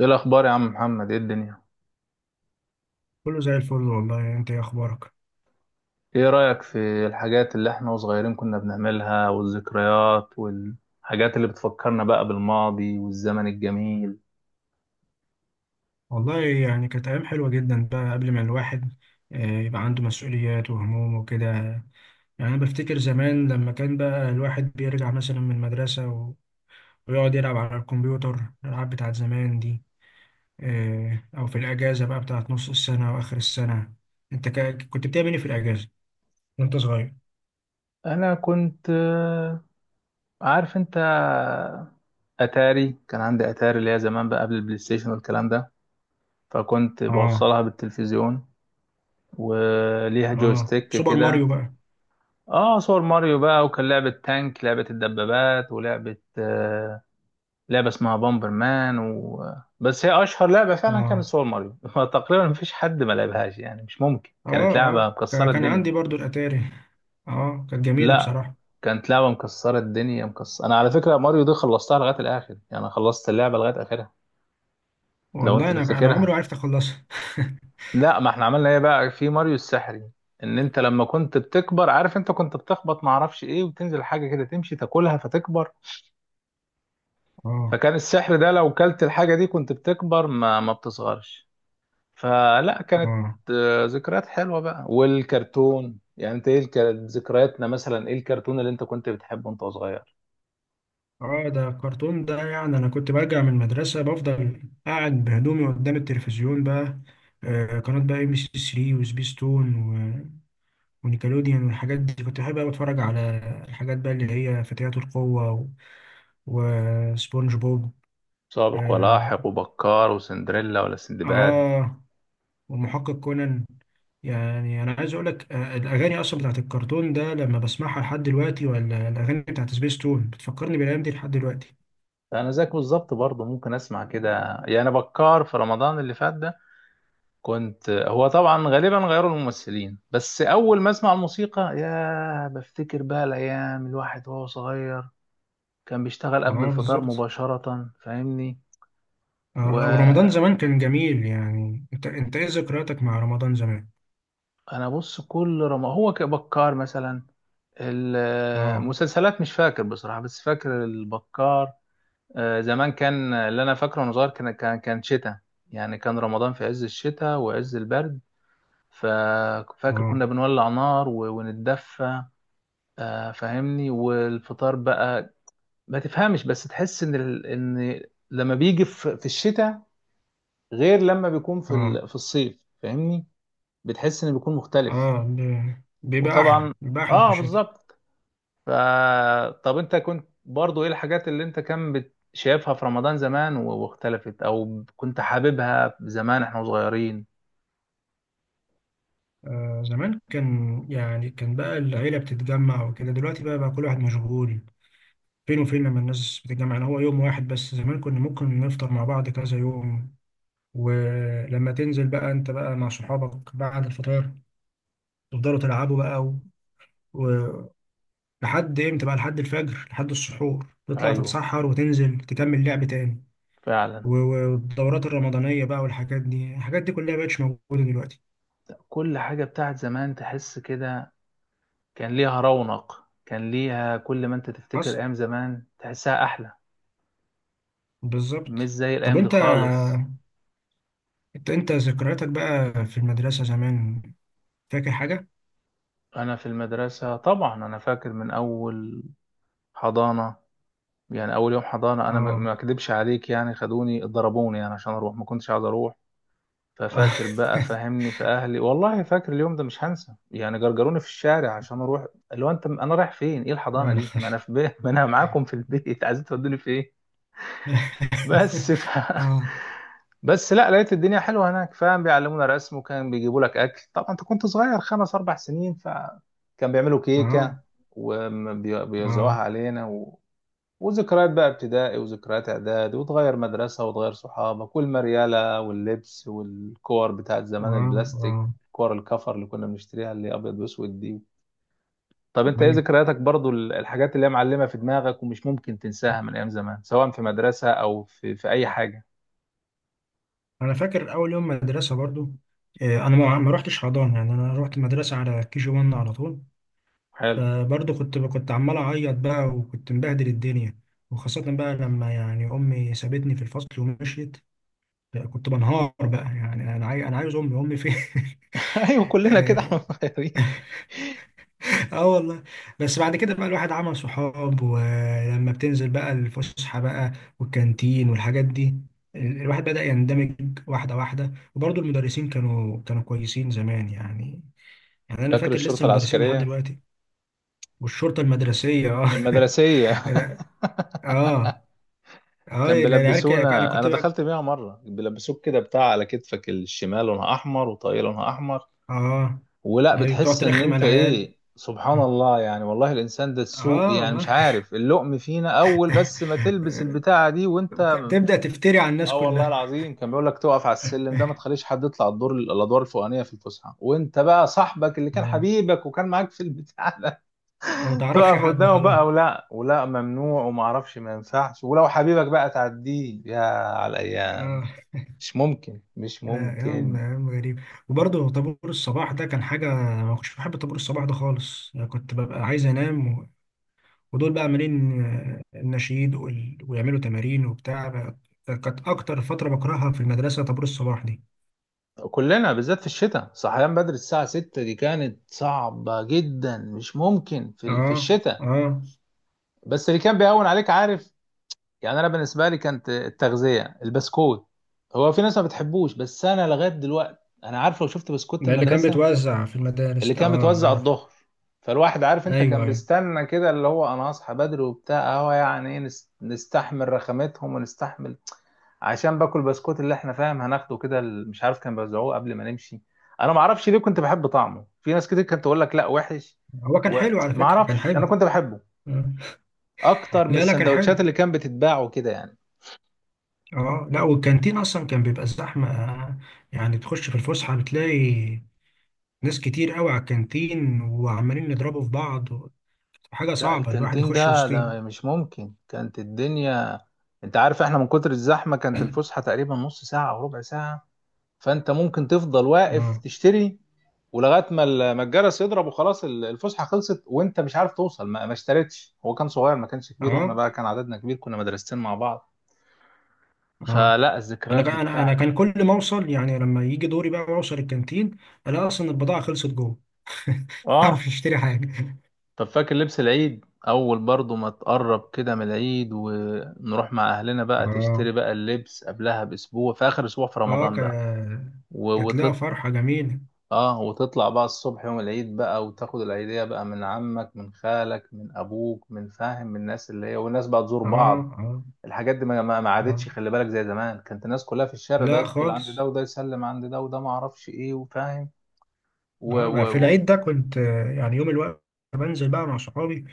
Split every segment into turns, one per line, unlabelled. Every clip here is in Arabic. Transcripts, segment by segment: ايه الاخبار يا عم محمد؟ ايه الدنيا؟
كله زي الفل والله. انت ايه اخبارك؟
ايه رايك في الحاجات اللي احنا وصغيرين كنا بنعملها، والذكريات والحاجات اللي بتفكرنا بقى بالماضي والزمن الجميل؟
والله يعني كانت ايام حلوه جدا بقى قبل ما الواحد يبقى عنده مسؤوليات وهموم وكده. يعني انا بفتكر زمان لما كان بقى الواحد بيرجع مثلا من ويقعد يلعب على الكمبيوتر الالعاب بتاعت زمان دي. او في الاجازه بقى بتاعت نص السنه واخر السنه. انت كنت بتعمل ايه في الاجازه وانت صغير؟
انا كنت عارف انت، اتاري كان عندي اتاري اللي هي زمان بقى قبل البلاي ستيشن والكلام ده، فكنت
اه.
بوصلها بالتلفزيون وليها
اه،
جويستيك
سوبر
كده.
ماريو بقى.
اه، صور ماريو بقى، وكان لعبة تانك، لعبة الدبابات، ولعبة لعبة اسمها بامبر مان بس هي أشهر لعبة فعلا كانت
اه
سوبر ماريو. تقريبا مفيش حد ما لعبهاش، يعني مش ممكن،
اه.
كانت لعبة
اه
مكسرة
كان
الدنيا.
عندي برضو الاتاري. اه، كانت جميله
لا،
بصراحه.
كانت لعبة مكسرة الدنيا مكسرة. أنا على فكرة ماريو دي خلصتها لغاية الآخر، يعني خلصت اللعبة لغاية آخرها. لو
والله
أنت
انا عمري
تفتكرها،
ما عرفت اخلصها.
لا ما احنا عملنا ايه بقى في ماريو السحري، ان انت لما كنت بتكبر عارف انت كنت بتخبط ما اعرفش ايه وتنزل حاجه كده تمشي تاكلها فتكبر،
اه.
فكان السحر ده لو كلت الحاجه دي كنت بتكبر ما بتصغرش. فلا، كانت
اه.
ذكريات حلوة بقى. والكرتون، يعني انت ايه ذكرياتنا، مثلا ايه الكرتون اللي انت كنت بتحبه وانت صغير؟
اه، ده الكرتون ده. يعني انا كنت برجع من المدرسه بفضل قاعد بهدومي قدام التلفزيون بقى. آه، قناه بقى ام سي 3 ونيكلوديان والحاجات دي كنت بحب قوي اتفرج على الحاجات بقى اللي هي: فتيات وسبونج بوب.
سابق
اه،
ولاحق وبكار وسندريلا ولا سندباد.
آه، والمحقق كونان. يعني انا عايز اقول لك، الاغاني اصلا بتاعت الكرتون ده لما بسمعها لحد دلوقتي، ولا الاغاني بتاعت سبيس تون، بتفكرني بالايام دي لحد دلوقتي.
انا زيك بالظبط برضه، ممكن اسمع كده، يعني بكار في رمضان اللي فات ده كنت، هو طبعا غالبا غيروا الممثلين، بس اول ما اسمع الموسيقى يا بفتكر بقى الايام الواحد وهو صغير. كان بيشتغل قبل
اه،
الفطار
بالظبط.
مباشرة فاهمني.
آه، ورمضان
و
زمان كان جميل. يعني انت ايه ذكرياتك مع رمضان زمان؟
انا بص، كل رمضان هو كبكار مثلا،
اه.
المسلسلات مش فاكر بصراحة، بس فاكر البكار. زمان كان اللي انا فاكره وانا صغير كان شتاء، يعني كان رمضان في عز الشتاء وعز البرد. ففاكر
اه.
كنا بنولع نار ونتدفى. فاهمني. والفطار بقى ما تفهمش، بس تحس ان ان لما بيجي في الشتاء غير لما بيكون في
اه.
في الصيف فاهمني، بتحس انه بيكون مختلف.
اه، بيبقى احلى،
وطبعا
بيبقى احلى في
اه
الشتاء.
بالظبط. ف طب انت كنت برضو ايه الحاجات اللي انت كان شايفها في رمضان زمان واختلفت، او كنت حاببها زمان احنا صغيرين؟
آه، زمان كان يعني، كان بقى العيلة بتتجمع وكده. دلوقتي بقى كل واحد مشغول. فين وفين لما الناس بتتجمع؟ يعني هو يوم واحد بس. زمان كنا ممكن نفطر مع بعض كذا يوم. ولما تنزل بقى انت بقى مع صحابك بعد الفطار، تفضلوا تلعبوا بقى، و... و... لحد امتى بقى، لحد الفجر، لحد السحور، تطلع
ايوه،
تتسحر وتنزل تكمل لعب تاني.
فعلا.
والدورات الرمضانية بقى والحاجات دي، الحاجات دي كلها مبقتش موجودة دلوقتي.
كل حاجة بتاعت زمان تحس كده كان ليها رونق، كان ليها، كل ما انت تفتكر
حصل.
ايام زمان تحسها احلى. مش
بالظبط.
زي
طب
الايام دي
انت،
خالص.
انت ذكرياتك بقى في المدرسة زمان، فاكر حاجة؟
انا في المدرسة طبعا انا فاكر من اول حضانة، يعني اول يوم حضانة انا ما
اه.
ما اكدبش عليك، يعني خدوني ضربوني يعني عشان اروح، ما كنتش عايز اروح.
اه.
ففاكر بقى فهمني في اهلي، والله فاكر اليوم ده مش هنسى، يعني جرجروني في الشارع عشان اروح. اللي هو انت، انا رايح فين؟ ايه الحضانه
يا
دي؟ ما انا
نهار!
في بيه، ما انا معاكم في البيت. عايزين تودوني في ايه؟ بس
اه.
بس لا لقيت الدنيا حلوه هناك فاهم، بيعلمونا رسم، وكان بيجيبوا لك اكل، طبعا انت كنت صغير خمس اربع سنين، فكان بيعملوا
اه.
كيكه وبيوزعوها
اه.
علينا. وذكريات بقى ابتدائي، وذكريات اعدادي، وتغير مدرسة، وتغير صحابك، والمريالة واللبس، والكور بتاعت
اه.
زمان
اه.
البلاستيك، كور الكفر اللي كنا بنشتريها اللي ابيض واسود دي. طب انت ايه
ايوه،
ذكرياتك برضو، الحاجات اللي هي معلمة في دماغك ومش ممكن تنساها من ايام زمان، سواء في مدرسة او في في اي حاجة؟
انا فاكر اول يوم مدرسه برضو. انا ما رحتش حضانه، يعني انا رحت مدرسه على كي جي 1 على طول.
حلو.
فبرضو كنت عمال اعيط بقى، وكنت مبهدل الدنيا. وخاصه بقى لما يعني امي سابتني في الفصل ومشيت، كنت بنهار بقى. يعني انا انا عايز امي، امي فين؟
ايوه، كلنا كده احنا صغيرين.
اه والله. بس بعد كده بقى الواحد عمل صحاب، ولما بتنزل بقى الفسحة بقى، والكانتين والحاجات دي، الواحد بدأ يندمج واحدة واحدة. وبرضه المدرسين كانوا كويسين زمان يعني. يعني أنا
فاكر
فاكر لسه
الشرطة
مدرسين لحد
العسكرية؟
دلوقتي. والشرطة المدرسية، اه.
المدرسية.
لا. اه. اه،
كان
العيال، أنا
بيلبسونا،
كنت
انا
بقى.
دخلت بيها مره، بيلبسوك كده بتاع على كتفك الشمال لونها احمر، وطاقيه لونها احمر.
اه،
ولا
ايوه، تقعد
بتحس ان
ترخم
انت
على العيال.
ايه، سبحان الله، يعني والله الانسان ده السوق،
اه
يعني مش
والله.
عارف اللقم فينا اول، بس ما تلبس البتاعه دي وانت.
تبدأ تفتري على الناس
اه والله
كلها.
العظيم، كان بيقول لك تقف على السلم ده، ما تخليش حد يطلع الدور، الادوار الفوقانيه في الفسحه، وانت بقى صاحبك اللي كان
اه،
حبيبك وكان معاك في البتاع ده.
ما تعرفش
تقف
حد
قدامه
خلاص.
بقى، ولا ممنوع وما اعرفش ما ينفعش، ولو حبيبك بقى تعديه، يا على الايام.
آه،
مش ممكن، مش
لا،
ممكن.
أيام غريبة. وبرضه طابور الصباح ده كان حاجة. ما كنتش بحب طابور الصباح ده خالص. يعني كنت ببقى عايز أنام، و... ودول بقى عاملين، النشيد ويعملوا تمارين وبتاع بقى. كانت أكتر فترة بكرهها في المدرسة طابور الصباح دي.
كلنا بالذات في الشتاء، صحيان بدري الساعة 6 دي كانت صعبة جدا، مش ممكن في في
آه.
الشتاء.
آه.
بس اللي كان بيهون عليك عارف، يعني انا بالنسبة لي كانت التغذية، البسكوت. هو في ناس ما بتحبوش، بس انا لغاية دلوقتي انا عارف لو شفت بسكوت
ده اللي كان
المدرسة
بيتوزع في المدارس
اللي
ده،
كان
آه
بيتوزع
عارف.
الظهر. فالواحد عارف انت
أيوه
كان
أيوه،
بيستنى كده، اللي هو انا هصحى بدري وبتاع اهو يعني إيه، نستحمل رخامتهم ونستحمل عشان باكل بسكوت اللي احنا فاهم هناخده كده مش عارف كان بيوزعوه قبل ما نمشي. انا ما اعرفش ليه كنت بحب طعمه، في ناس كتير كانت تقول لك لا وحش،
هو كان حلو على
وما
فكرة، كان
اعرفش انا
حلو.
كنت بحبه
آه.
اكتر من
لا لا، كان
السندوتشات
حلو.
اللي كان بتتباع وكده يعني.
آه لا، والكانتين أصلا كان بيبقى زحمة. يعني تخش في الفسحة بتلاقي ناس كتير قوي على الكانتين، وعمالين يضربوا في بعض. حاجة
لا
صعبة الواحد
الكانتين
يخش
ده
وسطهم.
ده مش ممكن، كانت الدنيا. انت عارف احنا من كتر الزحمه كانت الفسحه تقريبا نص ساعه او ربع ساعه، فانت ممكن تفضل واقف
اه.
تشتري ولغايه ما الجرس يضرب، وخلاص الفسحه خلصت وانت مش عارف توصل، ما اشتريتش، هو كان صغير ما كانش كبير، واحنا
اه.
بقى كان عددنا كبير، كنا مدرستين مع بعض.
اه،
فلا
انا
الذكريات
كان،
دي
انا أنا
بتاعت.
كان كل ما اوصل، يعني لما يجي دوري بقى اوصل الكانتين، الاقي اصلا البضاعة خلصت جوه. اعرف
اه.
اشتري حاجة.
طب فاكر لبس العيد اول؟ برضو ما تقرب كده من العيد ونروح مع اهلنا بقى،
اه.
تشتري بقى اللبس قبلها باسبوع، في اخر اسبوع في
اه.
رمضان بقى. و-
كانت لها
وتط...
فرحة جميلة.
اه، وتطلع بقى الصبح يوم العيد بقى، وتاخد العيدية بقى من عمك من خالك من ابوك من فاهم، من الناس اللي هي، والناس بقى تزور
اه.
بعض.
اه.
الحاجات دي ما
اه.
عادتش، خلي بالك زي زمان كانت الناس كلها في الشارع، ده
لا
يدخل عند
خالص.
ده، وده يسلم عند ده، وده ما اعرفش ايه وفاهم. و...
انا في
و... و...
العيد ده كنت، يعني يوم الوقت بنزل بقى مع صحابي،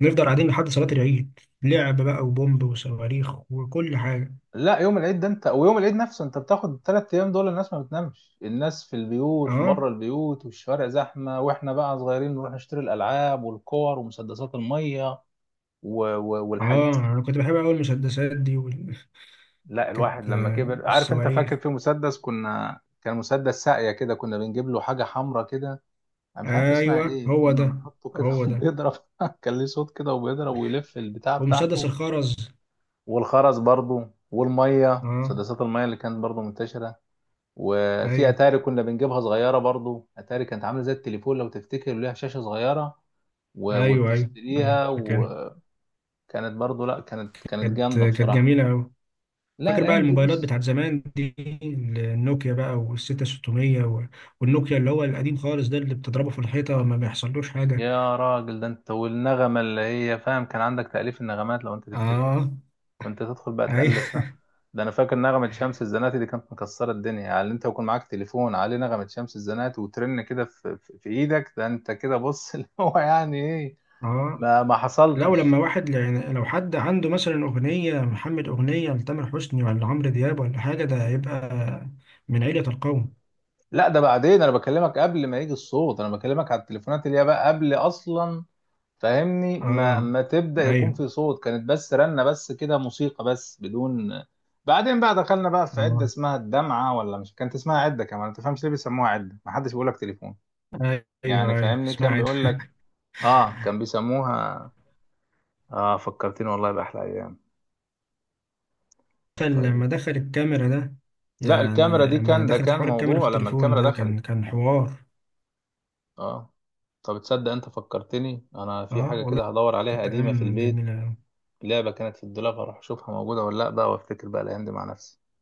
نفضل قاعدين لحد صلاة العيد، لعب بقى وبومب وصواريخ وكل حاجة.
لا يوم العيد ده انت، ويوم العيد نفسه انت بتاخد الثلاث ايام دول، الناس ما بتنامش، الناس في البيوت
اه.
بره البيوت، والشوارع زحمه، واحنا بقى صغيرين نروح نشتري الالعاب والكور ومسدسات الميه والحاج.
اه، انا كنت بحب اقول المسدسات دي
لا الواحد
كانت
لما كبر عارف انت،
الصواريخ.
فاكر في مسدس كنا، كان مسدس ساقيه كده، كنا بنجيب له حاجه حمراء كده، انا مش عارف اسمها
ايوه،
ايه،
هو
كنا
ده،
بنحطه كده
هو ده
وبيضرب. كان ليه صوت كده وبيضرب ويلف البتاع
ومسدس
بتاعته.
الخرز.
والخرز برضو، والميه،
اه.
مسدسات الميه اللي كانت برضو منتشره. وفي
ايوه
اتاري كنا بنجيبها صغيره برضو، اتاري كانت عامله زي التليفون لو تفتكر، ليها شاشه صغيره
ايوه. ايوه، ايوه
وبتشتريها،
فاكر.
وكانت برضو، لا كانت كانت
كانت
جامده بصراحه.
جميلة أوي.
لا
فاكر بقى
الايام دي
الموبايلات
بص.
بتاعت زمان دي، النوكيا بقى، والستة 600، والنوكيا اللي هو القديم خالص ده، اللي بتضربه في الحيطة ما بيحصلوش حاجة.
يا راجل ده انت، والنغمه اللي هي فاهم، كان عندك تأليف النغمات لو انت تفتكر،
اه.
كنت تدخل بقى
اي.
تألف. لا ده انا فاكر نغمة شمس الزناتي دي كانت مكسرة الدنيا، يعني انت يكون معاك تليفون عليه نغمة شمس الزناتي وترن كده في ايدك، ده انت كده بص، اللي هو يعني ايه،
اه،
ما
لو
حصلتش.
لما واحد يعني، لو حد عنده مثلا أغنية محمد، أغنية لتامر حسني ولا عمرو دياب ولا حاجة، ده هيبقى من عيلة القوم.
لا ده بعدين، انا بكلمك قبل ما يجي الصوت، انا بكلمك على التليفونات اللي هي بقى قبل اصلا، فاهمني، ما
اه.
ما تبدأ يكون
ايوه.
في صوت، كانت بس رنة بس كده موسيقى بس بدون. بعدين بقى دخلنا بقى في عدة
اه.
اسمها الدمعة، ولا مش كانت اسمها عدة كمان، ما تفهمش ليه بيسموها عدة، ما حدش بيقول لك تليفون،
ايوه.
يعني
ايوه
فاهمني كان
اسمع.
بيقول لك، اه كان بيسموها. اه فكرتني والله بأحلى ايام.
دخل
طيب.
لما دخل الكاميرا ده،
لا
يعني
الكاميرا دي
لما
كان، ده
دخلت
كان
حوار الكاميرا في
موضوع لما
التليفون
الكاميرا
ده،
دخلت.
كان حوار.
اه. طب تصدق انت فكرتني انا في
اه
حاجة
والله.
كده هدور عليها
كانت
قديمة في
ايام
البيت،
جميله أوي.
لعبة كانت في الدولاب، هروح اشوفها موجودة ولا لا بقى، وافتكر بقى الايام دي مع نفسي.